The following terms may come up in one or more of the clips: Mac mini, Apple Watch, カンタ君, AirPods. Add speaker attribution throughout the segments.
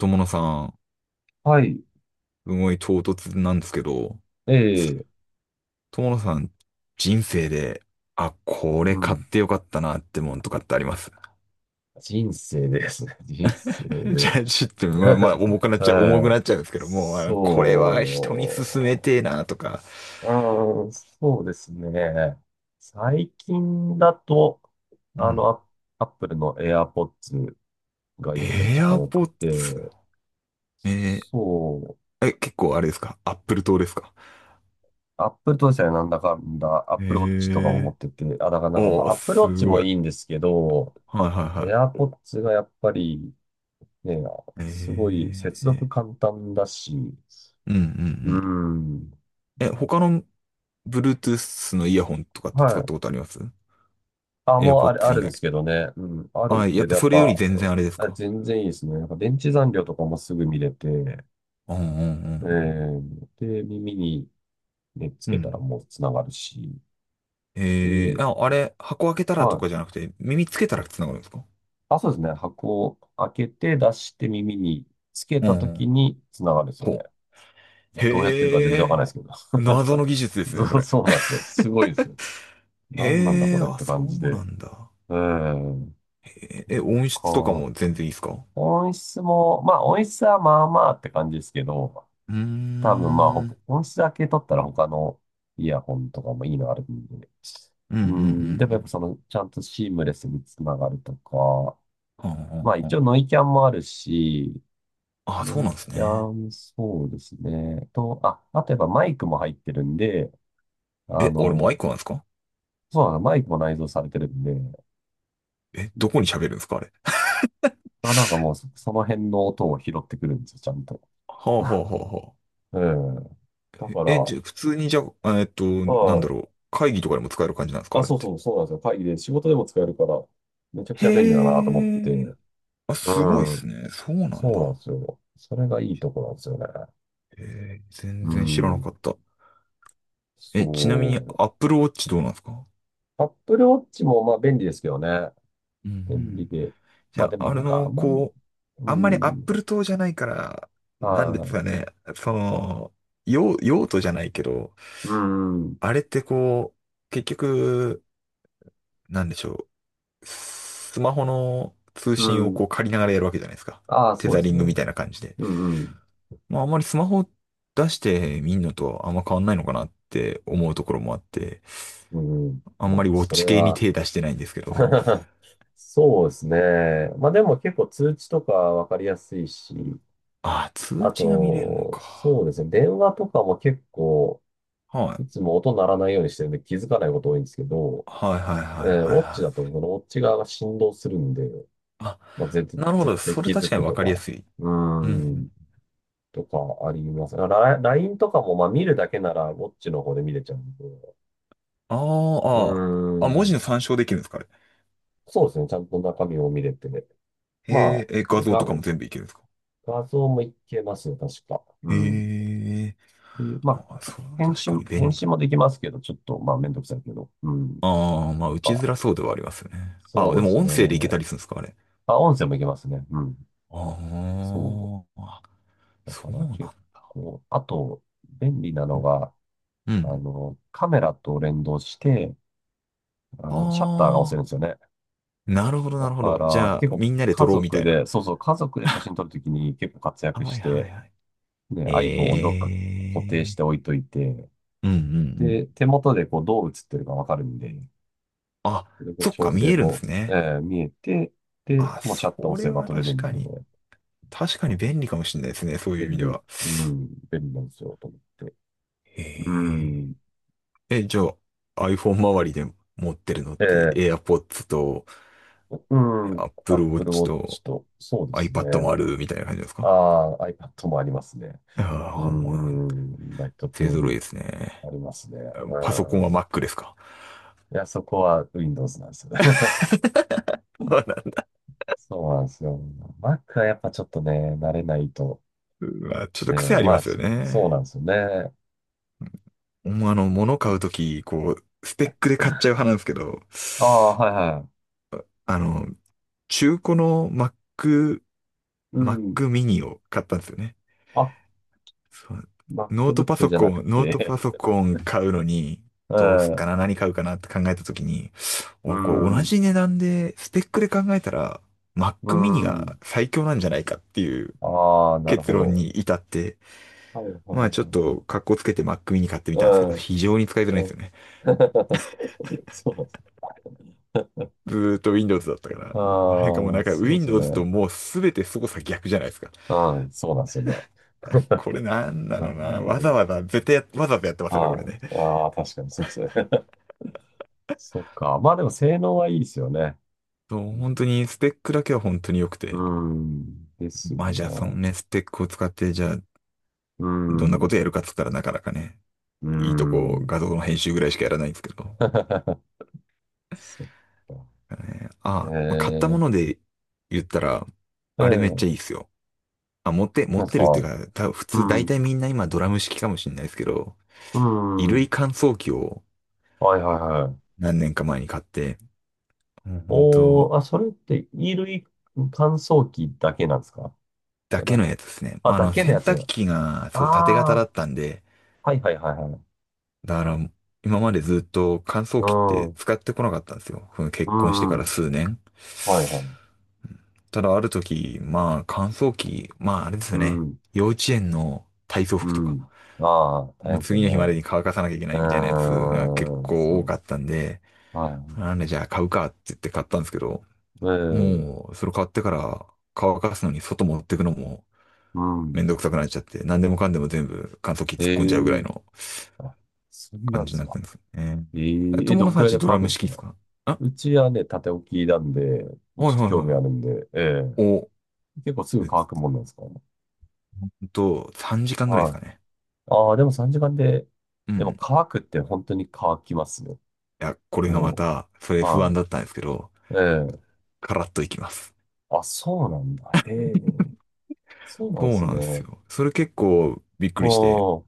Speaker 1: 友野さん、
Speaker 2: はい。
Speaker 1: すごい唐突なんですけど、
Speaker 2: ええ、
Speaker 1: 友野さん、人生で、あ、これ
Speaker 2: う
Speaker 1: 買っ
Speaker 2: ん。
Speaker 1: てよかったなってもんとかってあります？
Speaker 2: 人生ですね。人生
Speaker 1: じゃ
Speaker 2: で。
Speaker 1: あ、ちょっと、まあま あ、重くなっちゃう、重く
Speaker 2: はい。
Speaker 1: なっちゃうんですけども、あのこれは人に勧め
Speaker 2: そ
Speaker 1: てえなとか。
Speaker 2: う。うん、そうですね。最近だと、
Speaker 1: う
Speaker 2: あの、
Speaker 1: ん。
Speaker 2: アアップルの AirPods がやっぱ
Speaker 1: エ
Speaker 2: 一
Speaker 1: ア
Speaker 2: 番良
Speaker 1: ポ
Speaker 2: く
Speaker 1: ッ
Speaker 2: て、
Speaker 1: ツ。え
Speaker 2: そう。
Speaker 1: 結構あれですか、アップル党ですか？
Speaker 2: アップルとですね、なんだかんだ、アッ
Speaker 1: え
Speaker 2: プルウォッチとかも持
Speaker 1: ー、
Speaker 2: ってて、あ、だからなんか、ま
Speaker 1: お
Speaker 2: あ、
Speaker 1: ー、
Speaker 2: アップルウォッ
Speaker 1: す
Speaker 2: チも
Speaker 1: ごい。
Speaker 2: いいんですけど、
Speaker 1: はいはいはい。
Speaker 2: AirPods がやっぱりね、
Speaker 1: え
Speaker 2: すごい接続簡単だし、
Speaker 1: ー、うんうんう
Speaker 2: う
Speaker 1: ん。
Speaker 2: ん。
Speaker 1: え、他の Bluetooth のイヤホンとかって使
Speaker 2: は
Speaker 1: っ
Speaker 2: い。
Speaker 1: たことあります？
Speaker 2: あ、もうある、
Speaker 1: AirPods
Speaker 2: あ
Speaker 1: 以
Speaker 2: るんで
Speaker 1: 外。
Speaker 2: すけどね。うん。ある
Speaker 1: あ、や
Speaker 2: け
Speaker 1: っ
Speaker 2: ど、
Speaker 1: ぱ
Speaker 2: やっ
Speaker 1: それより
Speaker 2: ぱ、
Speaker 1: 全然あれです
Speaker 2: あ、
Speaker 1: か？
Speaker 2: 全然いいですね。なんか電池残量とかもすぐ見れて、
Speaker 1: うんうんうん
Speaker 2: で、耳に、ね、つ
Speaker 1: うん。
Speaker 2: け
Speaker 1: う
Speaker 2: たら
Speaker 1: ん。
Speaker 2: もうつながるし、え
Speaker 1: えー、
Speaker 2: ー、
Speaker 1: あ、あれ、箱開けたらと
Speaker 2: は
Speaker 1: か
Speaker 2: い。
Speaker 1: じゃなくて、耳つけたら繋がるんですか？
Speaker 2: あ、そうですね。箱を開けて出して耳につけ
Speaker 1: う
Speaker 2: たと
Speaker 1: んう
Speaker 2: き
Speaker 1: ん。
Speaker 2: につながるんですよ
Speaker 1: ほ
Speaker 2: ね。
Speaker 1: う。
Speaker 2: どうやってるか全
Speaker 1: へ
Speaker 2: 然わかんな
Speaker 1: え、
Speaker 2: いですけど。
Speaker 1: 謎の技術で すね、そ
Speaker 2: そう、
Speaker 1: れ。
Speaker 2: そうなんですよ。すごいですよ。何なんだ
Speaker 1: へ
Speaker 2: こ
Speaker 1: え、
Speaker 2: れっ
Speaker 1: あ、
Speaker 2: て
Speaker 1: そ
Speaker 2: 感じ
Speaker 1: うな
Speaker 2: で。
Speaker 1: んだ。
Speaker 2: うん。
Speaker 1: へえ、え、音質とかも
Speaker 2: こ
Speaker 1: 全然いいですか？
Speaker 2: 音質も、まあ音質はまあまあって感じですけど、
Speaker 1: うー
Speaker 2: 多分まあ
Speaker 1: ん。
Speaker 2: 音質だけ取ったら他のイヤホンとかもいいのあるんで。
Speaker 1: うんうんう
Speaker 2: うん、でもやっ
Speaker 1: ん
Speaker 2: ぱその、ちゃんとシームレスにつながるとか、
Speaker 1: うん。はあ
Speaker 2: ま
Speaker 1: は
Speaker 2: あ
Speaker 1: あ
Speaker 2: 一
Speaker 1: は、
Speaker 2: 応ノイキャンもあるし、
Speaker 1: ああ、そう
Speaker 2: ノイ
Speaker 1: なんです
Speaker 2: キャ
Speaker 1: ね。
Speaker 2: ン、そうですね。あとやっぱマイクも入ってるんで、あ
Speaker 1: え、あれマイ
Speaker 2: の、
Speaker 1: クなんですか？
Speaker 2: そうなの、マイクも内蔵されてるんで、
Speaker 1: え、どこに喋るんですかあれ。
Speaker 2: まあなんかもうそ、その辺の音を拾ってくるんですよ、ちゃんと。
Speaker 1: ほうほうほうほ
Speaker 2: うん。だ
Speaker 1: う。
Speaker 2: から、
Speaker 1: え、
Speaker 2: は
Speaker 1: じゃ、普通にじゃあ、なんだ
Speaker 2: い。
Speaker 1: ろう。会議とかでも使える感じなんですか、あ
Speaker 2: あ、
Speaker 1: れって。
Speaker 2: そうなんですよ。会議で仕事でも使えるから、めちゃくちゃ便利だ
Speaker 1: へ
Speaker 2: なと思って。
Speaker 1: え。あ、
Speaker 2: う
Speaker 1: すごいっす
Speaker 2: ん。
Speaker 1: ね。そうなん
Speaker 2: そうなん
Speaker 1: だ。
Speaker 2: ですよ。それがいいとこなんですよね。
Speaker 1: へえ、全
Speaker 2: う
Speaker 1: 然知らなかっ
Speaker 2: ん。
Speaker 1: た。え、ちなみに
Speaker 2: そ
Speaker 1: Apple Watch どうなんですか？
Speaker 2: う。Apple Watch もまあ便利ですけどね。
Speaker 1: うんう
Speaker 2: 便利
Speaker 1: ん。
Speaker 2: で。
Speaker 1: じ
Speaker 2: まあ
Speaker 1: ゃ
Speaker 2: で
Speaker 1: あ、
Speaker 2: も
Speaker 1: あ
Speaker 2: な
Speaker 1: れ
Speaker 2: んか
Speaker 1: の、
Speaker 2: あんま、
Speaker 1: こう、
Speaker 2: う
Speaker 1: あんまり
Speaker 2: ん。
Speaker 1: Apple 党じゃないから、
Speaker 2: は
Speaker 1: なんです
Speaker 2: い。
Speaker 1: かね。その、用、用途じゃないけど、
Speaker 2: うん。
Speaker 1: あれってこう、結局、なんでしょう。スマホの通
Speaker 2: う
Speaker 1: 信を
Speaker 2: ん。
Speaker 1: こう借りながらやるわけじゃないですか。
Speaker 2: ああ、
Speaker 1: テ
Speaker 2: そう
Speaker 1: ザ
Speaker 2: です
Speaker 1: リ
Speaker 2: ね。
Speaker 1: ングみたいな感じで。
Speaker 2: うんうん。
Speaker 1: まああんまりスマホ出してみんのとあんま変わんないのかなって思うところもあって、
Speaker 2: うんうん。
Speaker 1: あん
Speaker 2: ま
Speaker 1: ま
Speaker 2: あ、
Speaker 1: りウォッ
Speaker 2: それ
Speaker 1: チ系に
Speaker 2: は、
Speaker 1: 手出してないんですけど、
Speaker 2: そうですね。まあでも結構通知とかわかりやすいし、
Speaker 1: ああ、通
Speaker 2: あ
Speaker 1: 知が見れるの
Speaker 2: と、そう
Speaker 1: か。
Speaker 2: ですね。電話とかも結構、
Speaker 1: はい。
Speaker 2: いつも音鳴らないようにしてるんで気づかないこと多いんですけど、
Speaker 1: はいはいはいはい
Speaker 2: ウォッチ
Speaker 1: は
Speaker 2: だと、
Speaker 1: い。
Speaker 2: このウォッチ側が振動するんで、
Speaker 1: あ、
Speaker 2: まあ、絶対
Speaker 1: なるほ
Speaker 2: 絶
Speaker 1: ど。
Speaker 2: 対
Speaker 1: それ
Speaker 2: 気
Speaker 1: 確
Speaker 2: づ
Speaker 1: かに
Speaker 2: く
Speaker 1: わ
Speaker 2: と
Speaker 1: かりや
Speaker 2: か、
Speaker 1: すい。
Speaker 2: うー
Speaker 1: うんう
Speaker 2: ん、
Speaker 1: ん。
Speaker 2: とかあります。LINE とかも、まあ見るだけならウォッチの方で見れちゃうんで、
Speaker 1: あー
Speaker 2: うー
Speaker 1: あー、あ、文字の
Speaker 2: ん、
Speaker 1: 参照できるんですかあれ？
Speaker 2: そうですね。ちゃんと中身を見れて、
Speaker 1: へー
Speaker 2: ま
Speaker 1: え、
Speaker 2: あ、
Speaker 1: 画像と
Speaker 2: が、
Speaker 1: かも全部いけるんですか？
Speaker 2: 画像もいけますよ、確か。うん。
Speaker 1: へえ、
Speaker 2: で、ま
Speaker 1: あ、
Speaker 2: あ、
Speaker 1: それは確かに便
Speaker 2: 返
Speaker 1: 利だ。
Speaker 2: 信もできますけど、ちょっと、まあ、めんどくさいけど。うん。
Speaker 1: ああ、まあ、
Speaker 2: やっ
Speaker 1: 打ち
Speaker 2: ぱ、
Speaker 1: づらそうではありますよね。ああ、
Speaker 2: そ
Speaker 1: で
Speaker 2: うで
Speaker 1: も
Speaker 2: すね。
Speaker 1: 音声でいけたりするんですか、あれ。
Speaker 2: あ、音声もいけますね。うん。
Speaker 1: あ
Speaker 2: そう。
Speaker 1: あ、
Speaker 2: だ
Speaker 1: そ
Speaker 2: か
Speaker 1: う
Speaker 2: ら
Speaker 1: なん
Speaker 2: 結
Speaker 1: だ。
Speaker 2: 構、あと、便利なのが、
Speaker 1: う
Speaker 2: あ
Speaker 1: ん。
Speaker 2: の、カメラと連動して、あの、シャッターが押せ
Speaker 1: あ
Speaker 2: る
Speaker 1: あ、
Speaker 2: んですよね。
Speaker 1: なるほど、な
Speaker 2: だ
Speaker 1: るほ
Speaker 2: か
Speaker 1: ど。じ
Speaker 2: ら、
Speaker 1: ゃ
Speaker 2: 結
Speaker 1: あ、
Speaker 2: 構、
Speaker 1: みんなで撮
Speaker 2: 家
Speaker 1: ろうみた
Speaker 2: 族
Speaker 1: いな。
Speaker 2: で、そうそう、家族で写真撮るときに結構活躍
Speaker 1: は
Speaker 2: し
Speaker 1: いは
Speaker 2: て、
Speaker 1: いはい。
Speaker 2: ね、iPhone をどっか固定し
Speaker 1: ええ
Speaker 2: て置いといて、
Speaker 1: ー。うんうんうん。
Speaker 2: で、手元でこうどう映ってるかわかるんで、
Speaker 1: あ、
Speaker 2: それ
Speaker 1: そっ
Speaker 2: 調
Speaker 1: か、見
Speaker 2: 整
Speaker 1: えるんで
Speaker 2: も、
Speaker 1: すね。
Speaker 2: 見えて、で、
Speaker 1: あ、
Speaker 2: もうシャッター
Speaker 1: そ
Speaker 2: 押せ
Speaker 1: れ
Speaker 2: ば
Speaker 1: は
Speaker 2: 撮れる
Speaker 1: 確
Speaker 2: ん
Speaker 1: か
Speaker 2: で、
Speaker 1: に。確かに便利かもしれないですね、そういう意味では。
Speaker 2: 便利なんですよ、と思って。
Speaker 1: え
Speaker 2: うん、
Speaker 1: え。え、じゃあ、iPhone 周りで持ってるのっ
Speaker 2: え
Speaker 1: て
Speaker 2: ー
Speaker 1: AirPods と
Speaker 2: う
Speaker 1: Apple
Speaker 2: Apple
Speaker 1: Watch と
Speaker 2: Watch と、そうですね。
Speaker 1: iPad もあるみたいな感じですか？
Speaker 2: ああ、iPad もありますね。
Speaker 1: ああ、
Speaker 2: う
Speaker 1: ほんま、
Speaker 2: ん、うん、まあ一通
Speaker 1: 勢揃い
Speaker 2: り
Speaker 1: ですね。
Speaker 2: ありますね。
Speaker 1: パソコン
Speaker 2: う
Speaker 1: は
Speaker 2: ん。
Speaker 1: Mac ですか？
Speaker 2: いや、そこは Windows なんですよ。そうなんですよ。Mac はやっぱちょっとね、慣れないと。
Speaker 1: うわ、ちょっと癖
Speaker 2: ね、
Speaker 1: あり
Speaker 2: ま
Speaker 1: ま
Speaker 2: あ、
Speaker 1: すよ
Speaker 2: そそうな
Speaker 1: ね。
Speaker 2: んですよね。
Speaker 1: ほんまあの、物買うとき、こう、スペックで買っちゃう派なんですけど、
Speaker 2: ああ、はいはい。
Speaker 1: あの、中古の Mac、
Speaker 2: う
Speaker 1: Mac
Speaker 2: ん。
Speaker 1: mini を買ったんですよね。
Speaker 2: あ、
Speaker 1: そう、ノートパ
Speaker 2: MacBook
Speaker 1: ソ
Speaker 2: じゃな
Speaker 1: コ
Speaker 2: く
Speaker 1: ン、ノート
Speaker 2: て。
Speaker 1: パソコン買うのに、
Speaker 2: う
Speaker 1: どうすっか
Speaker 2: ん。
Speaker 1: な、何買うかなって考えたときに、
Speaker 2: う
Speaker 1: 俺これ同
Speaker 2: ん。
Speaker 1: じ値段で、スペックで考えたら、Mac
Speaker 2: う
Speaker 1: mini が
Speaker 2: ん。
Speaker 1: 最強なんじゃないかっていう
Speaker 2: ああ、なる
Speaker 1: 結
Speaker 2: ほ
Speaker 1: 論
Speaker 2: ど。
Speaker 1: に至って、
Speaker 2: はいはい
Speaker 1: ま
Speaker 2: は
Speaker 1: あちょっ
Speaker 2: い。
Speaker 1: と格好つけて Mac mini 買ってみ
Speaker 2: う
Speaker 1: たんですけど、
Speaker 2: ん。
Speaker 1: 非常に使いづらいん
Speaker 2: う
Speaker 1: ですよ
Speaker 2: ん。
Speaker 1: ね。
Speaker 2: そうなんですね。
Speaker 1: ずーっと Windows だったから、なんかもう
Speaker 2: あ
Speaker 1: な
Speaker 2: あ、
Speaker 1: んか
Speaker 2: そうですよ
Speaker 1: Windows と
Speaker 2: ね。
Speaker 1: もうすべて操作逆じゃないですか。
Speaker 2: うん、そうなんですよね。
Speaker 1: これなんだろう
Speaker 2: な
Speaker 1: な、
Speaker 2: ん
Speaker 1: わ
Speaker 2: で、
Speaker 1: ざわざ、絶対や、わざわざやってますよね、
Speaker 2: あ
Speaker 1: こ
Speaker 2: あ、
Speaker 1: れね。
Speaker 2: ああ、確かにそうですね。そっか。まあでも性能はいいですよね。
Speaker 1: そう、本当にスペックだけは本当に良く
Speaker 2: う
Speaker 1: て。
Speaker 2: ん、うんですよ
Speaker 1: まあじゃあその
Speaker 2: ね。
Speaker 1: ね、スペックを使ってじゃあ
Speaker 2: う
Speaker 1: どんなこと
Speaker 2: ん、
Speaker 1: やるかっつったらなかなかね、
Speaker 2: う
Speaker 1: いいとこ
Speaker 2: ん。
Speaker 1: 画像の編集ぐらいしかやらないんですけど。
Speaker 2: そっか。
Speaker 1: ねあ、まあ、買った
Speaker 2: え
Speaker 1: も
Speaker 2: え、
Speaker 1: ので言ったら、あれめっちゃ
Speaker 2: え
Speaker 1: いいっ
Speaker 2: え、
Speaker 1: すよ。あ、持って、持
Speaker 2: な
Speaker 1: っ
Speaker 2: んです
Speaker 1: て
Speaker 2: か。
Speaker 1: るっていうか、多分普
Speaker 2: う
Speaker 1: 通大
Speaker 2: ん。
Speaker 1: 体みんな今ドラム式かもしれないですけど、
Speaker 2: う
Speaker 1: 衣類
Speaker 2: ん。
Speaker 1: 乾燥機を
Speaker 2: はいはいはい。
Speaker 1: 何年か前に買って、もう本当
Speaker 2: おー、あ、それって衣類乾燥機だけなんですか？じ
Speaker 1: だ
Speaker 2: ゃ
Speaker 1: け
Speaker 2: な
Speaker 1: の
Speaker 2: く、
Speaker 1: やつですね。
Speaker 2: あ、
Speaker 1: まああ
Speaker 2: だ
Speaker 1: の
Speaker 2: けの
Speaker 1: 洗
Speaker 2: やつ。
Speaker 1: 濯機が
Speaker 2: あ
Speaker 1: そう縦型だ
Speaker 2: あ、
Speaker 1: ったんで、
Speaker 2: はいはいはいはい。
Speaker 1: だから今までずっと乾
Speaker 2: う
Speaker 1: 燥機って
Speaker 2: ん。
Speaker 1: 使ってこなかったんですよ。その
Speaker 2: う
Speaker 1: 結婚して
Speaker 2: んう
Speaker 1: から
Speaker 2: ん。
Speaker 1: 数年。
Speaker 2: はいはい。
Speaker 1: ただある時、まあ乾燥機、まああれですよ
Speaker 2: う
Speaker 1: ね。
Speaker 2: ん。
Speaker 1: 幼稚園の体操
Speaker 2: う
Speaker 1: 服とか、
Speaker 2: ん。ああ、大
Speaker 1: もう
Speaker 2: 変ですよ
Speaker 1: 次の
Speaker 2: ね。
Speaker 1: 日までに乾かさなきゃいけな
Speaker 2: う
Speaker 1: いみたいなやつが結
Speaker 2: ーん、そ
Speaker 1: 構多か
Speaker 2: う。
Speaker 1: ったんで、
Speaker 2: はい。
Speaker 1: なんでじゃあ買うかって言って買ったんですけど、
Speaker 2: ええ、
Speaker 1: もうそれ買ってから乾かすのに外持ってくのも
Speaker 2: う
Speaker 1: めん
Speaker 2: ん。
Speaker 1: どくさくなっちゃって、何でもかんでも全部乾燥機突っ
Speaker 2: え
Speaker 1: 込んじゃうぐらい
Speaker 2: え、
Speaker 1: の
Speaker 2: あ、そんな
Speaker 1: 感
Speaker 2: んで
Speaker 1: じに
Speaker 2: す
Speaker 1: なっ
Speaker 2: か？
Speaker 1: たんですよね。
Speaker 2: え
Speaker 1: え、
Speaker 2: え、え
Speaker 1: 友
Speaker 2: ど
Speaker 1: 野
Speaker 2: ん
Speaker 1: さ
Speaker 2: く
Speaker 1: ん
Speaker 2: らい
Speaker 1: ち
Speaker 2: で
Speaker 1: ドラ
Speaker 2: 乾く
Speaker 1: ム
Speaker 2: んです
Speaker 1: 式
Speaker 2: か？
Speaker 1: ですか？あ、
Speaker 2: うちはね、縦置きなんで、
Speaker 1: はい
Speaker 2: ちょっ
Speaker 1: は
Speaker 2: と
Speaker 1: いは
Speaker 2: 興
Speaker 1: い
Speaker 2: 味あ
Speaker 1: は
Speaker 2: るんで、え
Speaker 1: い。
Speaker 2: え。
Speaker 1: お、
Speaker 2: 結構すぐ
Speaker 1: え
Speaker 2: 乾くもんなんですか？
Speaker 1: 3時間ぐらいです
Speaker 2: は
Speaker 1: か
Speaker 2: い。
Speaker 1: ね。
Speaker 2: ああ、でも3時間で、
Speaker 1: う
Speaker 2: でも
Speaker 1: ん。
Speaker 2: 乾くって本当に乾きますよ。
Speaker 1: いや、これがま
Speaker 2: も
Speaker 1: た、それ
Speaker 2: う、
Speaker 1: 不安
Speaker 2: は
Speaker 1: だったんですけど、
Speaker 2: い。ええ。
Speaker 1: カラッといきます。
Speaker 2: あ、そうなんだ。へえ。そうなん
Speaker 1: そ
Speaker 2: で
Speaker 1: う
Speaker 2: す
Speaker 1: なんです
Speaker 2: ね。
Speaker 1: よ。それ結構びっくりして、
Speaker 2: おー、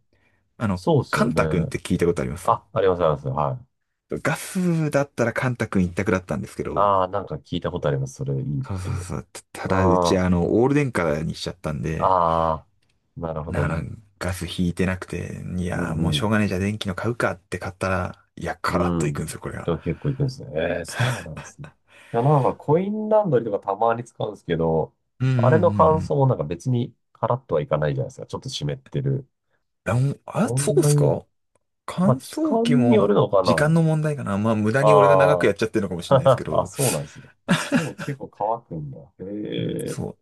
Speaker 1: あの、
Speaker 2: そうです
Speaker 1: カ
Speaker 2: よ
Speaker 1: ンタ君っ
Speaker 2: ね。
Speaker 1: て聞いたことあります？
Speaker 2: あ、あります、あります。はい。
Speaker 1: ガスだったらカンタ君一択だったんですけど、
Speaker 2: ああ、なんか聞いたことあります。それいいっ
Speaker 1: そうそ
Speaker 2: て。
Speaker 1: うそう。ただ、うち
Speaker 2: あ
Speaker 1: あの、オール電化にしちゃったん
Speaker 2: あ、
Speaker 1: で、
Speaker 2: ああ、なるほど
Speaker 1: なら、
Speaker 2: ね。
Speaker 1: ガス引いてなくて、い
Speaker 2: う
Speaker 1: や、
Speaker 2: ん
Speaker 1: も
Speaker 2: う
Speaker 1: うしょう
Speaker 2: ん
Speaker 1: がないじゃあ電気の買うかって買ったら、いや、カ
Speaker 2: う
Speaker 1: ラッといくん
Speaker 2: ん。
Speaker 1: ですよ、これ
Speaker 2: で
Speaker 1: が。
Speaker 2: は結構行くんですね。えー、そうなんですね。いや、なんかコインランドリーとかたまに使うんですけど、
Speaker 1: うんう
Speaker 2: あれの乾
Speaker 1: ん
Speaker 2: 燥もなんか別にカラッとはいかないじゃないですか。ちょっと湿ってる。
Speaker 1: うんうん。あ、あ、
Speaker 2: そ
Speaker 1: そ
Speaker 2: ん
Speaker 1: うっ
Speaker 2: な
Speaker 1: す
Speaker 2: に、
Speaker 1: か？
Speaker 2: まあ
Speaker 1: 乾
Speaker 2: 時
Speaker 1: 燥機
Speaker 2: 間による
Speaker 1: も
Speaker 2: のか
Speaker 1: 時間
Speaker 2: な。
Speaker 1: の問題かな。まあ、無駄に俺が長く
Speaker 2: あ
Speaker 1: や
Speaker 2: ー。
Speaker 1: っちゃってるのかも しれないですけ
Speaker 2: あ、
Speaker 1: ど。
Speaker 2: そうなんですね。でも結構乾くんだ。
Speaker 1: うん、
Speaker 2: へ
Speaker 1: そ
Speaker 2: え。
Speaker 1: う。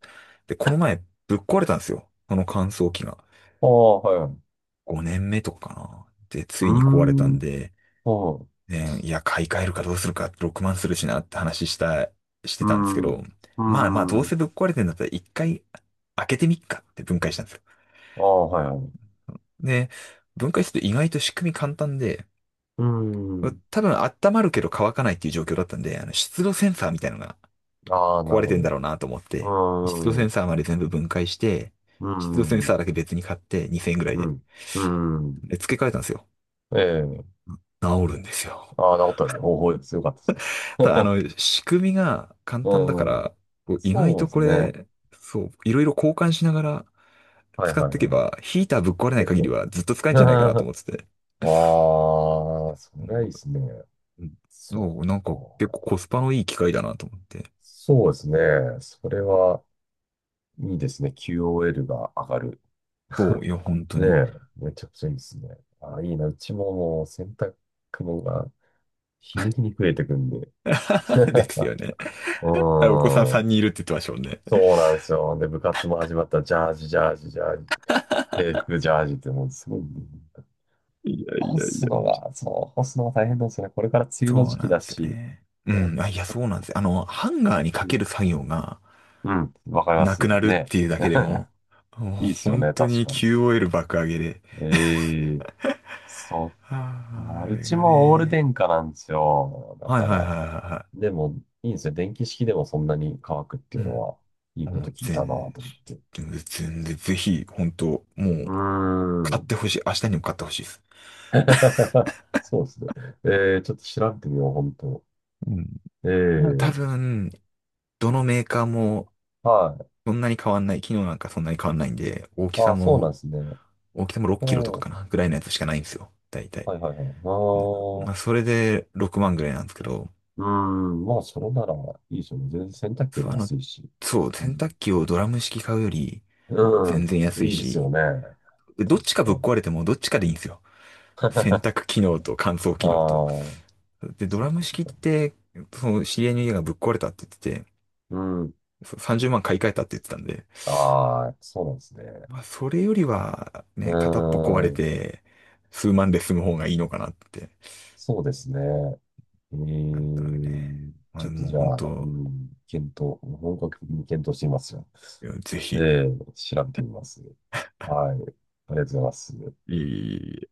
Speaker 1: で、この前、ぶっ壊れたんですよ。この乾燥機が。
Speaker 2: ああ、はいはい。
Speaker 1: 5年目とかかな。で、
Speaker 2: う
Speaker 1: つ
Speaker 2: ー
Speaker 1: いに壊れたん
Speaker 2: ん。
Speaker 1: で、
Speaker 2: ほ
Speaker 1: ね、いや、買い替えるかどうするか、6万するしなって話した、し
Speaker 2: う。
Speaker 1: て
Speaker 2: うー
Speaker 1: たんですけ
Speaker 2: ん。う
Speaker 1: ど、
Speaker 2: ー
Speaker 1: まあまあ、どう
Speaker 2: ん。
Speaker 1: せぶっ壊れてんだったら一回開けてみっかって分解したんですよ。
Speaker 2: ああ、はいはい。
Speaker 1: で、分解すると意外と仕組み簡単で、
Speaker 2: うーん。
Speaker 1: 多分温まるけど乾かないっていう状況だったんで、あの、湿度センサーみたいなのが
Speaker 2: ああ、な
Speaker 1: 壊
Speaker 2: る
Speaker 1: れ
Speaker 2: ほ
Speaker 1: てんだ
Speaker 2: ど。
Speaker 1: ろうなと思っ
Speaker 2: う
Speaker 1: て、湿度
Speaker 2: ー
Speaker 1: セ
Speaker 2: ん。
Speaker 1: ン
Speaker 2: う
Speaker 1: サーまで全部分解して、
Speaker 2: ー
Speaker 1: 湿度センサ
Speaker 2: ん。
Speaker 1: ーだけ別に買って2000円ぐらい
Speaker 2: う
Speaker 1: で。
Speaker 2: ん。うん。
Speaker 1: で、付け替えたんですよ。
Speaker 2: ええ、
Speaker 1: 治るんですよ。
Speaker 2: ああ、治ったですね。方法です。よかったですね。
Speaker 1: ただ、あ の、仕組みが簡単だか
Speaker 2: うん。
Speaker 1: ら、こう意外
Speaker 2: そう
Speaker 1: と
Speaker 2: です
Speaker 1: こ
Speaker 2: ね。は
Speaker 1: れ、そう、いろいろ交換しながら
Speaker 2: いはい
Speaker 1: 使っ
Speaker 2: は
Speaker 1: ていけ
Speaker 2: い。
Speaker 1: ば、ヒーターぶっ壊れない
Speaker 2: 結
Speaker 1: 限り
Speaker 2: 構。
Speaker 1: はずっと使えるんじゃないかなと 思ってて。
Speaker 2: ああ、そ
Speaker 1: う
Speaker 2: れはいいで
Speaker 1: ん
Speaker 2: すね。
Speaker 1: う
Speaker 2: そっ
Speaker 1: ん、なんか結構
Speaker 2: か。
Speaker 1: コスパのいい機械だなと思って。
Speaker 2: そうですね。それはいいですね。QOL が上がる。
Speaker 1: そう、いや、本当
Speaker 2: ね
Speaker 1: に。
Speaker 2: え、めちゃくちゃいいですね。ああ、いいな。うちももう洗濯物が日に日に増えてくんで。
Speaker 1: ですよね。
Speaker 2: う
Speaker 1: あ、お子さん
Speaker 2: ん。
Speaker 1: 3人いるって言ってましたもんね。
Speaker 2: そうなんですよ。で、部活も始まったら、ジャージ、ジャージ、ジャージ、制服、ジャージって、もうすごい、
Speaker 1: いやいやいや。
Speaker 2: 干すのが大変なんですよね。これから梅雨の
Speaker 1: そう
Speaker 2: 時期
Speaker 1: なん
Speaker 2: だ
Speaker 1: ですよ
Speaker 2: し、
Speaker 1: ね。う
Speaker 2: ね、
Speaker 1: ん。あ、いや、そうなんですよ。あの、ハンガーに
Speaker 2: う
Speaker 1: か
Speaker 2: ん、
Speaker 1: ける作業が
Speaker 2: うん、わかりま
Speaker 1: な
Speaker 2: す
Speaker 1: くなるっ
Speaker 2: ね。
Speaker 1: ていうだけで も、もう
Speaker 2: いいですよ
Speaker 1: 本
Speaker 2: ね、
Speaker 1: 当
Speaker 2: 確
Speaker 1: に
Speaker 2: かに。
Speaker 1: QOL 爆上げで。
Speaker 2: ええ、そっか。
Speaker 1: ああ、あ
Speaker 2: う
Speaker 1: れ
Speaker 2: ち
Speaker 1: が
Speaker 2: もオール
Speaker 1: ね。
Speaker 2: 電化なんですよ。だ
Speaker 1: はい
Speaker 2: か
Speaker 1: はいはい
Speaker 2: ら、
Speaker 1: はいは
Speaker 2: でも、いいんですよ。電気式でもそんなに乾くって
Speaker 1: い。う
Speaker 2: いうの
Speaker 1: ん。
Speaker 2: は、いいこ
Speaker 1: も
Speaker 2: と
Speaker 1: う
Speaker 2: 聞いたなと
Speaker 1: 全
Speaker 2: 思って。
Speaker 1: 全然、全然、ぜひ、本当も
Speaker 2: う
Speaker 1: う、
Speaker 2: ー
Speaker 1: 買っ
Speaker 2: ん。
Speaker 1: てほしい。明日にも買ってほしいです。
Speaker 2: そうですね。えー、ちょっと調べてみよう、本当。
Speaker 1: うん。
Speaker 2: え
Speaker 1: なんか多
Speaker 2: え、
Speaker 1: 分、どのメーカーも
Speaker 2: はい。
Speaker 1: そんなに変わんない。機能なんかそんなに変わんないんで、大き
Speaker 2: あ
Speaker 1: さ
Speaker 2: あ、そうなん
Speaker 1: も、
Speaker 2: ですね。
Speaker 1: 大きさも6
Speaker 2: う
Speaker 1: キロとか
Speaker 2: ん。
Speaker 1: か
Speaker 2: は
Speaker 1: な、ぐらいのやつしかないんですよ。大
Speaker 2: い
Speaker 1: 体。
Speaker 2: はいはい。ああ、
Speaker 1: まあ、それで6万ぐらいなんですけど、
Speaker 2: うん。まあ、それならいいですよね。全然洗濯機よ
Speaker 1: そ
Speaker 2: り
Speaker 1: う、あの、
Speaker 2: 安いし。
Speaker 1: そう、
Speaker 2: う
Speaker 1: 洗
Speaker 2: ん。
Speaker 1: 濯機をドラム式買うより
Speaker 2: う
Speaker 1: 全
Speaker 2: ん。
Speaker 1: 然安い
Speaker 2: いいですよ
Speaker 1: し、
Speaker 2: ね。
Speaker 1: ど
Speaker 2: 確
Speaker 1: っちか
Speaker 2: か
Speaker 1: ぶっ
Speaker 2: に。
Speaker 1: 壊れてもどっちかでいいんですよ。洗濯機能と乾燥
Speaker 2: あ
Speaker 1: 機能と。
Speaker 2: あ、
Speaker 1: で、ド
Speaker 2: そ
Speaker 1: ラ
Speaker 2: っ
Speaker 1: ム
Speaker 2: かそっ
Speaker 1: 式っ
Speaker 2: か。
Speaker 1: て、その知り合いの家がぶっ壊れたって言ってて、
Speaker 2: うん。
Speaker 1: そう30万買い替えたって言ってたんで、
Speaker 2: ああ、そうなんですね。
Speaker 1: まあ、それよりは、
Speaker 2: う
Speaker 1: ね、片っぽ壊れ
Speaker 2: ん。
Speaker 1: て、数万で済む方がいいのかなって。
Speaker 2: そうですね。え
Speaker 1: なんと
Speaker 2: え、
Speaker 1: なくね、まあ、
Speaker 2: ちょっと
Speaker 1: もう
Speaker 2: じゃ
Speaker 1: 本
Speaker 2: あ、う
Speaker 1: 当、
Speaker 2: ん、検討、本格的に検討してみますよ。
Speaker 1: いやぜひ、
Speaker 2: ええ、調べてみます。はい。ありがとうございます。
Speaker 1: いい